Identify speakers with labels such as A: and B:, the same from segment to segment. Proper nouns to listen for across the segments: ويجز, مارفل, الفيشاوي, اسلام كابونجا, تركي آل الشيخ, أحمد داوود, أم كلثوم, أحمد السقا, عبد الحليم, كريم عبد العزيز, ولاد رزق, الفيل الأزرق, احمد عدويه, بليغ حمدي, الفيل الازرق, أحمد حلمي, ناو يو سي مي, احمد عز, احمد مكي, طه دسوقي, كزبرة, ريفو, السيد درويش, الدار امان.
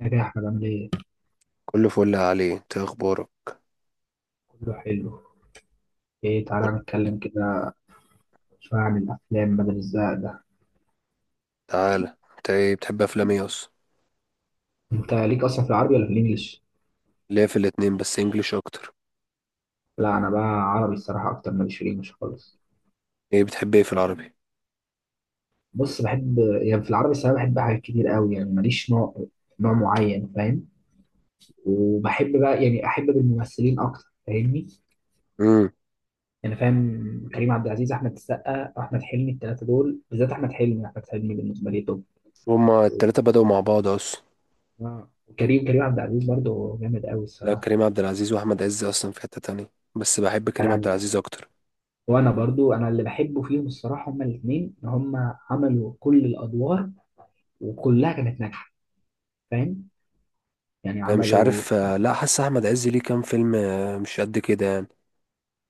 A: يا جاي احمد عامل ايه؟
B: كله فل عليه، انت إيه اخبارك؟
A: كله حلو. ايه، تعالى نتكلم كده شوية عن الأفلام بدل الزهق ده.
B: تعالى، انت ايه بتحب افلام ايه اصلا؟
A: انت ليك أصلا في العربي ولا في الإنجليش؟
B: ليه في الاتنين، بس انجليش اكتر.
A: لا، أنا بقى عربي الصراحة أكتر، ماليش في الإنجليش خالص.
B: ايه بتحب ايه في العربي؟
A: بص، بحب يعني في العربي الصراحة بحب حاجات كتير قوي، يعني ماليش نوع معين فاهم؟ وبحب بقى يعني أحب بالممثلين أكتر، فاهمني؟
B: امم.
A: يعني فاهم، كريم عبد العزيز، أحمد السقا، أحمد حلمي، التلاتة دول بالذات أحمد حلمي، أحمد حلمي بالنسبة لي توب.
B: هما التلاتة بدأوا مع بعض اصلا.
A: اه، كريم عبد العزيز برضه جامد قوي
B: لا،
A: الصراحة.
B: كريم عبد العزيز واحمد عز اصلا في حتة تانية، بس بحب كريم عبد
A: انا
B: العزيز اكتر.
A: وانا برضو اللي بحبه فيهم الصراحه هما الاثنين، ان هما عملوا كل الادوار وكلها كانت ناجحه، فاهم؟ يعني
B: اه، مش
A: عملوا،
B: عارف. اه، لا، حاسس احمد عز ليه كام فيلم، اه، مش قد كده يعني.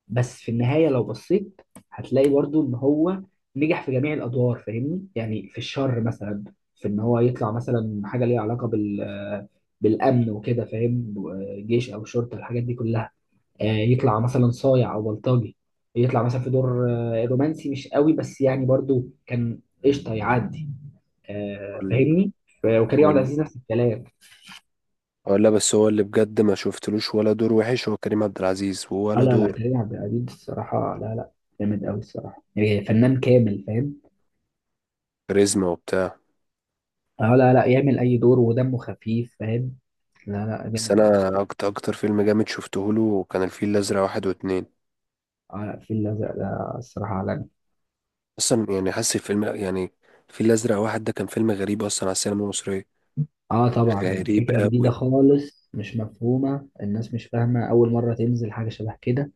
A: بس في النهايه لو بصيت هتلاقي برضو ان هو نجح في جميع الادوار، فاهمني؟ يعني في الشر مثلا، في ان هو يطلع مثلا حاجه ليها علاقه بالامن وكده، فاهم؟ جيش او شرطه الحاجات دي كلها، يطلع مثلا صايع او بلطجي، يطلع مثلا في دور رومانسي مش قوي بس يعني برضو كان قشطه يعدي،
B: ولا.
A: فاهمني. وكريم عبد
B: ولا.
A: العزيز نفس الكلام.
B: ولا، بس هو اللي بجد ما شفتلوش ولا دور وحش هو كريم عبد العزيز،
A: اه
B: ولا
A: لا لا،
B: دور.
A: كريم عبد العزيز الصراحه لا لا، جامد قوي الصراحه، يعني فنان كامل، فاهم؟
B: كاريزما وبتاع.
A: اه لا لا، يعمل اي دور ودمه خفيف، فاهم؟ لا لا
B: بس
A: جامد قوي الصراحه.
B: انا اكتر اكتر فيلم جامد شفته له كان الفيل الازرق واحد واتنين.
A: اه لا، الفيل الازرق ده الصراحه عالمي.
B: اصلا يعني حاسس الفيلم يعني. الفيل الازرق واحد ده كان فيلم غريب اصلا على السينما المصريه.
A: اه طبعا،
B: غريب
A: فكرة جديدة
B: قوي.
A: خالص، مش مفهومة، الناس مش فاهمة، أول مرة تنزل حاجة شبه كده.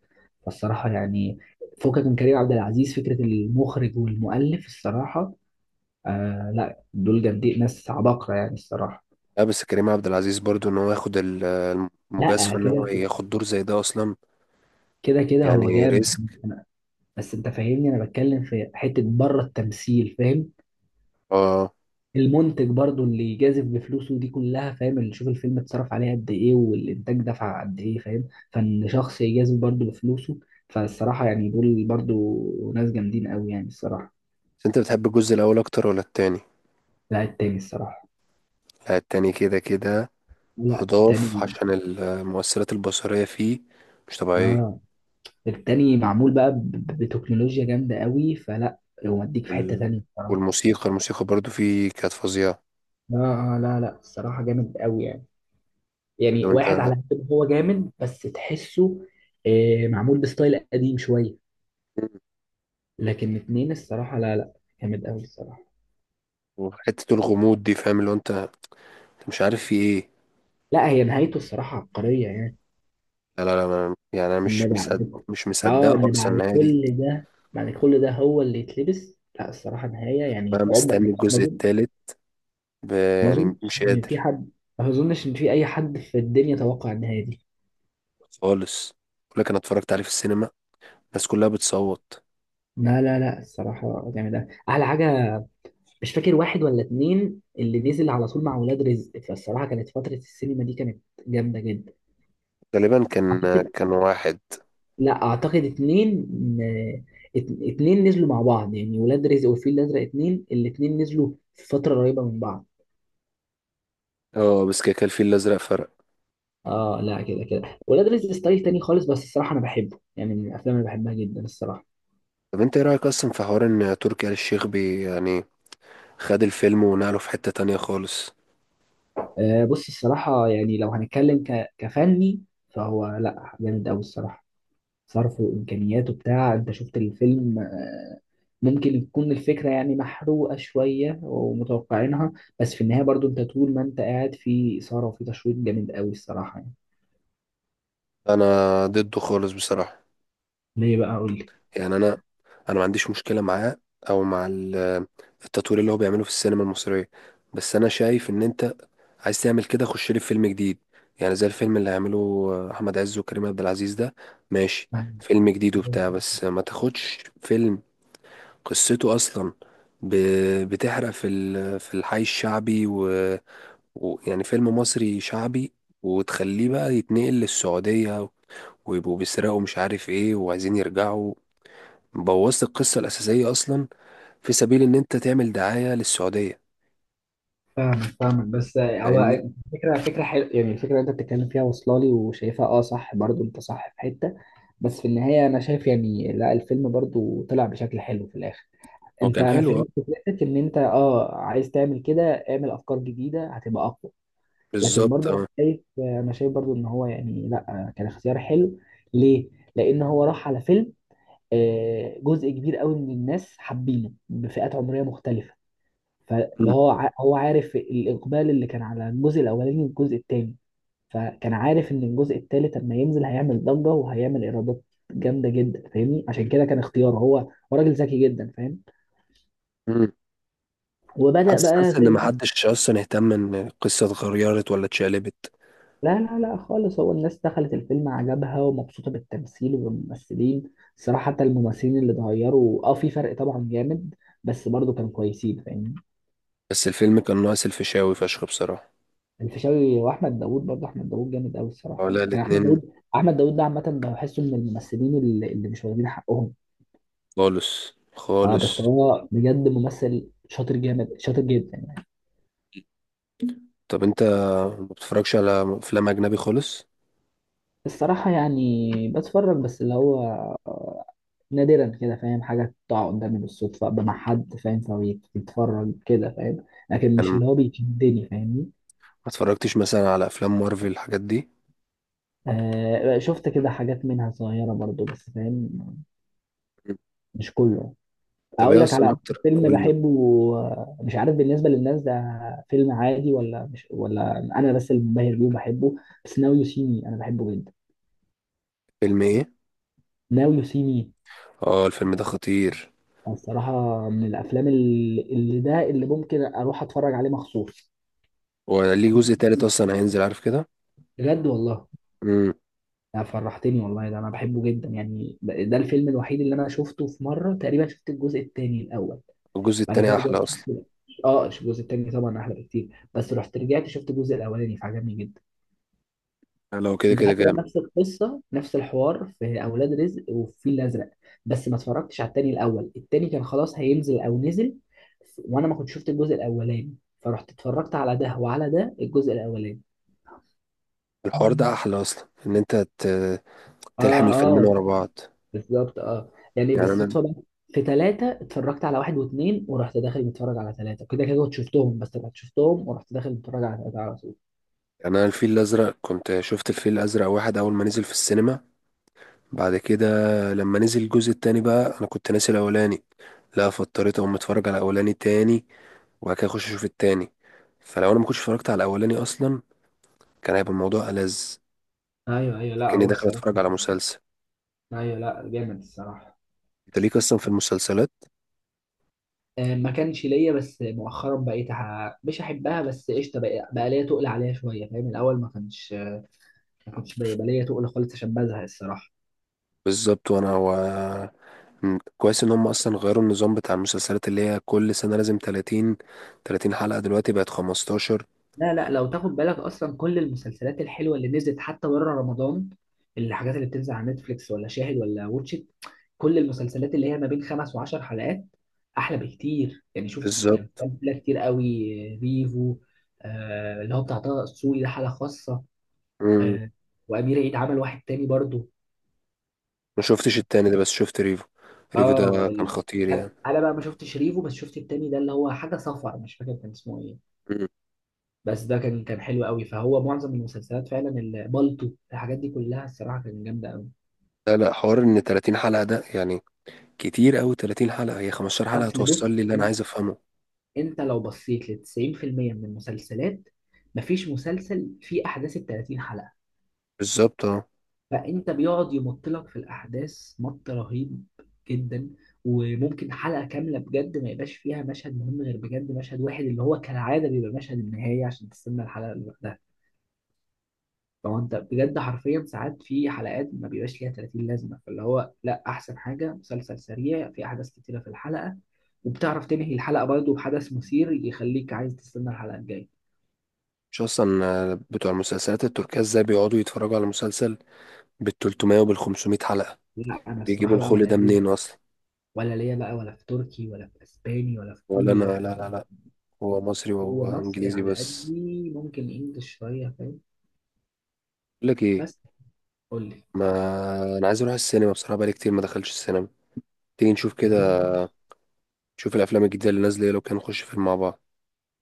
A: فالصراحة يعني فكك من كريم عبد العزيز، فكرة المخرج والمؤلف الصراحة، آه لا دول جامدين، ناس عباقرة يعني الصراحة.
B: لا، بس كريم عبد العزيز برضو ان هو ياخد
A: لا
B: المجازفه، ان هو
A: كده
B: ياخد دور زي ده اصلا.
A: كده هو
B: يعني
A: جامد.
B: ريسك.
A: بس انت فاهمني، انا بتكلم في حتة بره التمثيل، فاهم؟
B: اه،
A: المنتج برضو اللي جازف بفلوسه دي كلها، فاهم؟ اللي شوف الفيلم اتصرف عليه قد ايه والانتاج دفع قد ايه، فاهم؟ فان شخص يجازف برضو بفلوسه، فالصراحة يعني دول برضو ناس جامدين قوي يعني الصراحة.
B: بس انت بتحب الجزء الاول اكتر ولا التاني؟
A: لا التاني الصراحة،
B: لا، التاني كده كده.
A: لا التاني.
B: اضاف عشان المؤثرات البصريه فيه مش طبيعيه.
A: اه، التاني معمول بقى بتكنولوجيا جامدة قوي فلا، ومديك في حتة تانية
B: وال...
A: الصراحة.
B: والموسيقى الموسيقى برضو فيه كانت فظيعه.
A: اه. اه لا لا، الصراحة جامد قوي يعني، يعني
B: لو
A: واحد
B: انت،
A: على قد ما هو جامد بس تحسه معمول بستايل قديم شوية، لكن اتنين الصراحة لا لا، جامد أوي الصراحة.
B: حته الغموض دي، فاهم اللي هو انت، أنت مش عارف في ايه.
A: لا، هي نهايته الصراحة عبقرية يعني.
B: لا لا لا، يعني انا مش
A: إن
B: مصدق، مش
A: اه
B: مصدقه
A: إن
B: خالص
A: بعد
B: النهايه دي.
A: كل ده، بعد كل ده هو اللي يتلبس، لا الصراحة نهاية
B: بقى
A: يعني عمر ما،
B: مستني الجزء
A: أظن.
B: التالت،
A: ما
B: يعني
A: أظنش
B: مش
A: إن في
B: قادر
A: حد ما أظنش إن في أي حد في الدنيا توقع النهاية دي.
B: خالص. بقول لك انا اتفرجت عليه في السينما، الناس كلها بتصوت.
A: لا لا لا، الصراحة جامد أوي، أحلى حاجة. مش فاكر واحد ولا اتنين اللي نزل على طول مع ولاد رزق، فالصراحة كانت فترة السينما دي كانت جامدة جدا.
B: غالبا كان واحد.
A: لا اعتقد اتنين اتنين نزلوا مع بعض، يعني ولاد رزق والفيل الازرق اتنين، الاتنين نزلوا في فتره قريبه من بعض.
B: اه، بس كده كان الفيل الازرق فرق.
A: اه لا كده كده، ولاد رزق ستايل تاني خالص، بس الصراحه انا بحبه يعني، من الافلام اللي بحبها جدا الصراحه.
B: طب انت ايه رايك اصلا في حوار ان تركي آل الشيخ بي، يعني خد الفيلم ونقله في حته تانية خالص؟
A: آه بص، الصراحه يعني لو هنتكلم كفني، فهو لا جامد قوي الصراحه، صرفه وامكانياته بتاع، انت شفت الفيلم، ممكن يكون الفكره يعني محروقه شويه ومتوقعينها، بس في النهايه برضو انت طول ما انت قاعد في اثاره وفي تشويق جامد قوي الصراحه يعني.
B: انا ضده خالص بصراحه.
A: ليه بقى؟ قول لي.
B: يعني انا ما عنديش مشكله معاه، او مع التطوير اللي هو بيعمله في السينما المصريه. بس انا شايف ان انت عايز تعمل كده، خش لي في فيلم جديد، يعني زي الفيلم اللي هيعمله احمد عز وكريم عبد العزيز ده. ماشي، فيلم جديد وبتاع، بس ما تاخدش فيلم قصته اصلا بتحرق في في الحي الشعبي ويعني، يعني فيلم مصري شعبي، وتخليه بقى يتنقل للسعوديه، ويبقوا بيسرقوا مش عارف ايه وعايزين يرجعوا. بوظت القصة الأساسية أصلا في سبيل إن أنت تعمل دعاية للسعودية.
A: فاهمك بس
B: فاهمني؟
A: هو، فكرة حلوة يعني، الفكرة اللي انت بتتكلم فيها واصلة لي وشايفها، اه صح برضو، انت صح في حتة، بس في النهاية انا شايف يعني لا الفيلم برضو طلع بشكل حلو في الاخر.
B: هو كان
A: انا
B: حلو أه.
A: فهمت فكرتك ان انت اه عايز تعمل كده، اعمل افكار جديدة هتبقى اقوى. لكن
B: بالظبط
A: برضو
B: أه.
A: انا شايف برضو ان هو يعني لا كان اختيار حلو. ليه؟ لان هو راح على فيلم جزء كبير قوي من الناس حابينه بفئات عمرية مختلفة، فاللي
B: مم.
A: هو هو عارف الإقبال اللي كان على الجزء الأولاني والجزء التاني، فكان عارف إن الجزء التالت لما ينزل هيعمل ضجة وهيعمل إيرادات جامدة جدا، فاهمني؟ عشان كده كان اختياره، هو راجل ذكي جدا، فاهم؟
B: مم.
A: وبدأ
B: حاسس،
A: بقى
B: حاسس
A: زي
B: إن
A: ما.
B: محدش أصلا اهتم إن القصة اتغيرت ولا اتشقلبت.
A: لا لا لا خالص، هو الناس دخلت الفيلم عجبها ومبسوطة بالتمثيل وبالممثلين الصراحة، حتى الممثلين اللي اتغيروا اه في فرق طبعا جامد، بس برضه كانوا كويسين، فاهمني؟
B: بس الفيلم كان ناقص الفيشاوي فشخ بصراحة.
A: الفيشاوي واحمد داوود، برضه احمد داوود جامد قوي الصراحه،
B: ولا
A: يعني
B: الاتنين.
A: احمد داوود ده عامه بحسه من الممثلين اللي مش واخدين حقهم.
B: خالص
A: اه بس
B: خالص.
A: هو بجد ممثل شاطر، جامد شاطر جدا يعني.
B: طب أنت ما بتتفرجش على أفلام أجنبي خالص؟
A: الصراحه يعني بتفرج بس اللي هو آه، نادرا كده، فاهم؟ حاجه تقع قدامي بالصدفه، ابقى مع حد فاهم فبيتفرج كده، فاهم؟ لكن
B: أنا
A: مش
B: ما
A: اللي هو بيشدني، فاهمني؟
B: اتفرجتش مثلا على أفلام مارفل الحاجات دي.
A: آه شفت كده حاجات منها صغيره برضه بس، فاهم؟
B: مم.
A: مش كله.
B: طب
A: اقول
B: إيه
A: لك على
B: أصلا
A: اكتر
B: أكتر،
A: فيلم
B: قول لي.
A: بحبه، مش عارف بالنسبه للناس ده فيلم عادي ولا مش، ولا انا بس اللي منبهر بيه وبحبه، بس ناو يو سي مي انا بحبه جدا.
B: فيلم إيه؟
A: ناو يو سي مي،
B: أه، الفيلم ده خطير.
A: الصراحه من الافلام اللي ده اللي ممكن اروح اتفرج عليه مخصوص.
B: وليه جزء تالت أصلا هينزل عارف كده؟
A: بجد والله،
B: امم.
A: ده فرحتني والله، ده انا بحبه جدا يعني، ده الفيلم الوحيد اللي انا شفته في مره تقريبا، شفت الجزء الثاني الاول،
B: الجزء
A: بعد كده
B: التاني احلى اصلا.
A: اه الجزء الثاني طبعا احلى بكتير، بس رحت رجعت شفت الجزء الاولاني فعجبني جدا.
B: يعني لو كده
A: انت
B: كده
A: حتى لو
B: جامد.
A: نفس القصه نفس الحوار في اولاد رزق والفيل الازرق، بس ما اتفرجتش على التاني الاول، التاني كان خلاص هينزل او نزل وانا ما كنت شفت الجزء الاولاني، فرحت اتفرجت على ده وعلى ده الجزء الاولاني.
B: الحوار ده احلى اصلا ان انت
A: اه.
B: تلحم الفيلمين
A: اه
B: ورا بعض.
A: بالظبط، اه يعني
B: يعني انا،
A: بالصدفه بقى، في ثلاثة اتفرجت على واحد واثنين ورحت داخل متفرج على ثلاثة، كده كده كنت شفتهم بس رحت شفتهم ورحت داخل متفرج على ثلاثة على طول.
B: يعني انا الفيل الازرق كنت شفت الفيل الازرق واحد اول ما نزل في السينما. بعد كده لما نزل الجزء التاني بقى انا كنت ناسي الاولاني، لا فاضطريت اقوم اتفرج على الاولاني تاني، وبعد كده اخش اشوف التاني. فلو انا ما كنتش اتفرجت على الاولاني اصلا كان هيبقى الموضوع ألذ،
A: ايوه ايوه، لا
B: كأني
A: هو
B: داخل
A: الصراحة،
B: اتفرج على مسلسل.
A: ايوه لا جامد الصراحة.
B: انت ليك اصلا في المسلسلات؟
A: ما كانش ليا، بس مؤخرا بقيت مش احبها بس قشطه، بقى ليا تقل عليها شويه، فاهم؟ الاول ما كانش، ما كنتش بيبقى ليا تقل خالص عشان بزهق الصراحه.
B: بالظبط. وانا هو كويس ان هم اصلا غيروا النظام بتاع المسلسلات اللي هي كل سنة لازم 30. 30 حلقة دلوقتي بقت 15.
A: لا لا، لو تاخد بالك اصلا، كل المسلسلات الحلوه اللي نزلت حتى بره رمضان، الحاجات اللي بتنزل على نتفليكس ولا شاهد ولا واتشت، كل المسلسلات اللي هي ما بين خمس وعشر حلقات احلى بكتير، يعني شوف، كان
B: بالظبط.
A: في امثله كتير قوي. ريفو، اللي هو بتاع طه دسوقي ده حاله خاصه،
B: مم.
A: آه، وامير عيد عمل واحد تاني برضه.
B: ما شفتش التاني ده، بس شفت ريفو. ريفو
A: اه
B: ده كان
A: ال-
B: خطير يعني.
A: انا بقى ما شفتش ريفو بس شفت التاني ده اللي هو حاجه صفر، مش فاكر كان اسمه ايه،
B: مم.
A: بس ده كان حلو قوي. فهو معظم المسلسلات فعلا بالطو الحاجات دي كلها الصراحه كانت جامده قوي.
B: لا لا، حوار ان 30 حلقة ده يعني كتير قوي، 30 حلقة هي 15 حلقة
A: اصل
B: توصل
A: بص،
B: لي اللي انا
A: انت
B: عايز افهمه.
A: لو بصيت ل 90% من المسلسلات، مفيش مسلسل فيه احداث ال 30 حلقه،
B: بالظبط اه.
A: فانت بيقعد يمط لك في الاحداث مط رهيب جدا، وممكن حلقه كامله بجد ما يبقاش فيها مشهد مهم، غير بجد مشهد واحد اللي هو كالعاده بيبقى مشهد النهايه عشان تستنى الحلقه اللي بعدها. لو انت بجد حرفيا ساعات في حلقات ما بيبقاش ليها 30 لازمه، فاللي هو لا احسن حاجه مسلسل سريع في احداث كتيره في الحلقه، وبتعرف تنهي الحلقه برضه بحدث مثير يخليك عايز تستنى الحلقه الجايه.
B: مش اصلا. بتوع المسلسلات التركية ازاي بيقعدوا يتفرجوا على مسلسل بال 300 وبال 500 حلقة؟
A: لا انا
B: بيجيبوا
A: الصراحه بقى
B: الخل
A: ولا
B: ده
A: ليا،
B: منين اصلا؟
A: بقى ولا في تركي ولا في اسباني ولا في
B: ولا
A: كوري
B: انا،
A: ولا
B: لا
A: حاجه.
B: لا لا، هو مصري
A: هو
B: وهو
A: مصري
B: انجليزي
A: على
B: بس.
A: قدي، ممكن انجلش شويه، فاهم؟
B: بقول لك ايه،
A: بس قول لي.
B: ما انا عايز اروح السينما بصراحه، بقالي كتير ما دخلتش السينما. تيجي نشوف كده،
A: يلا ماشي.
B: نشوف الافلام الجديده اللي نازله إيه، لو كان نخش فيلم مع بعض.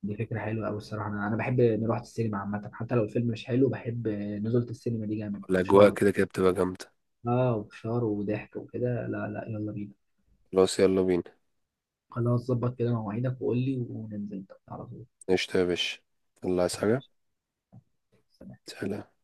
A: دي فكره حلوه قوي الصراحه، انا بحب نروح السينما عامه، حتى لو الفيلم مش حلو بحب نزولة، السينما دي جامد في
B: الاجواء
A: شهر.
B: كده كده بتبقى جامده.
A: اه وفشار وضحك وكده، لا لا يلا بينا.
B: خلاص يلا بينا.
A: خلاص، ظبط كده مواعيدك وقول لي وننزل على طول.
B: قشطة يا باشا، يلا عايز حاجه؟
A: ماشي.
B: سلام.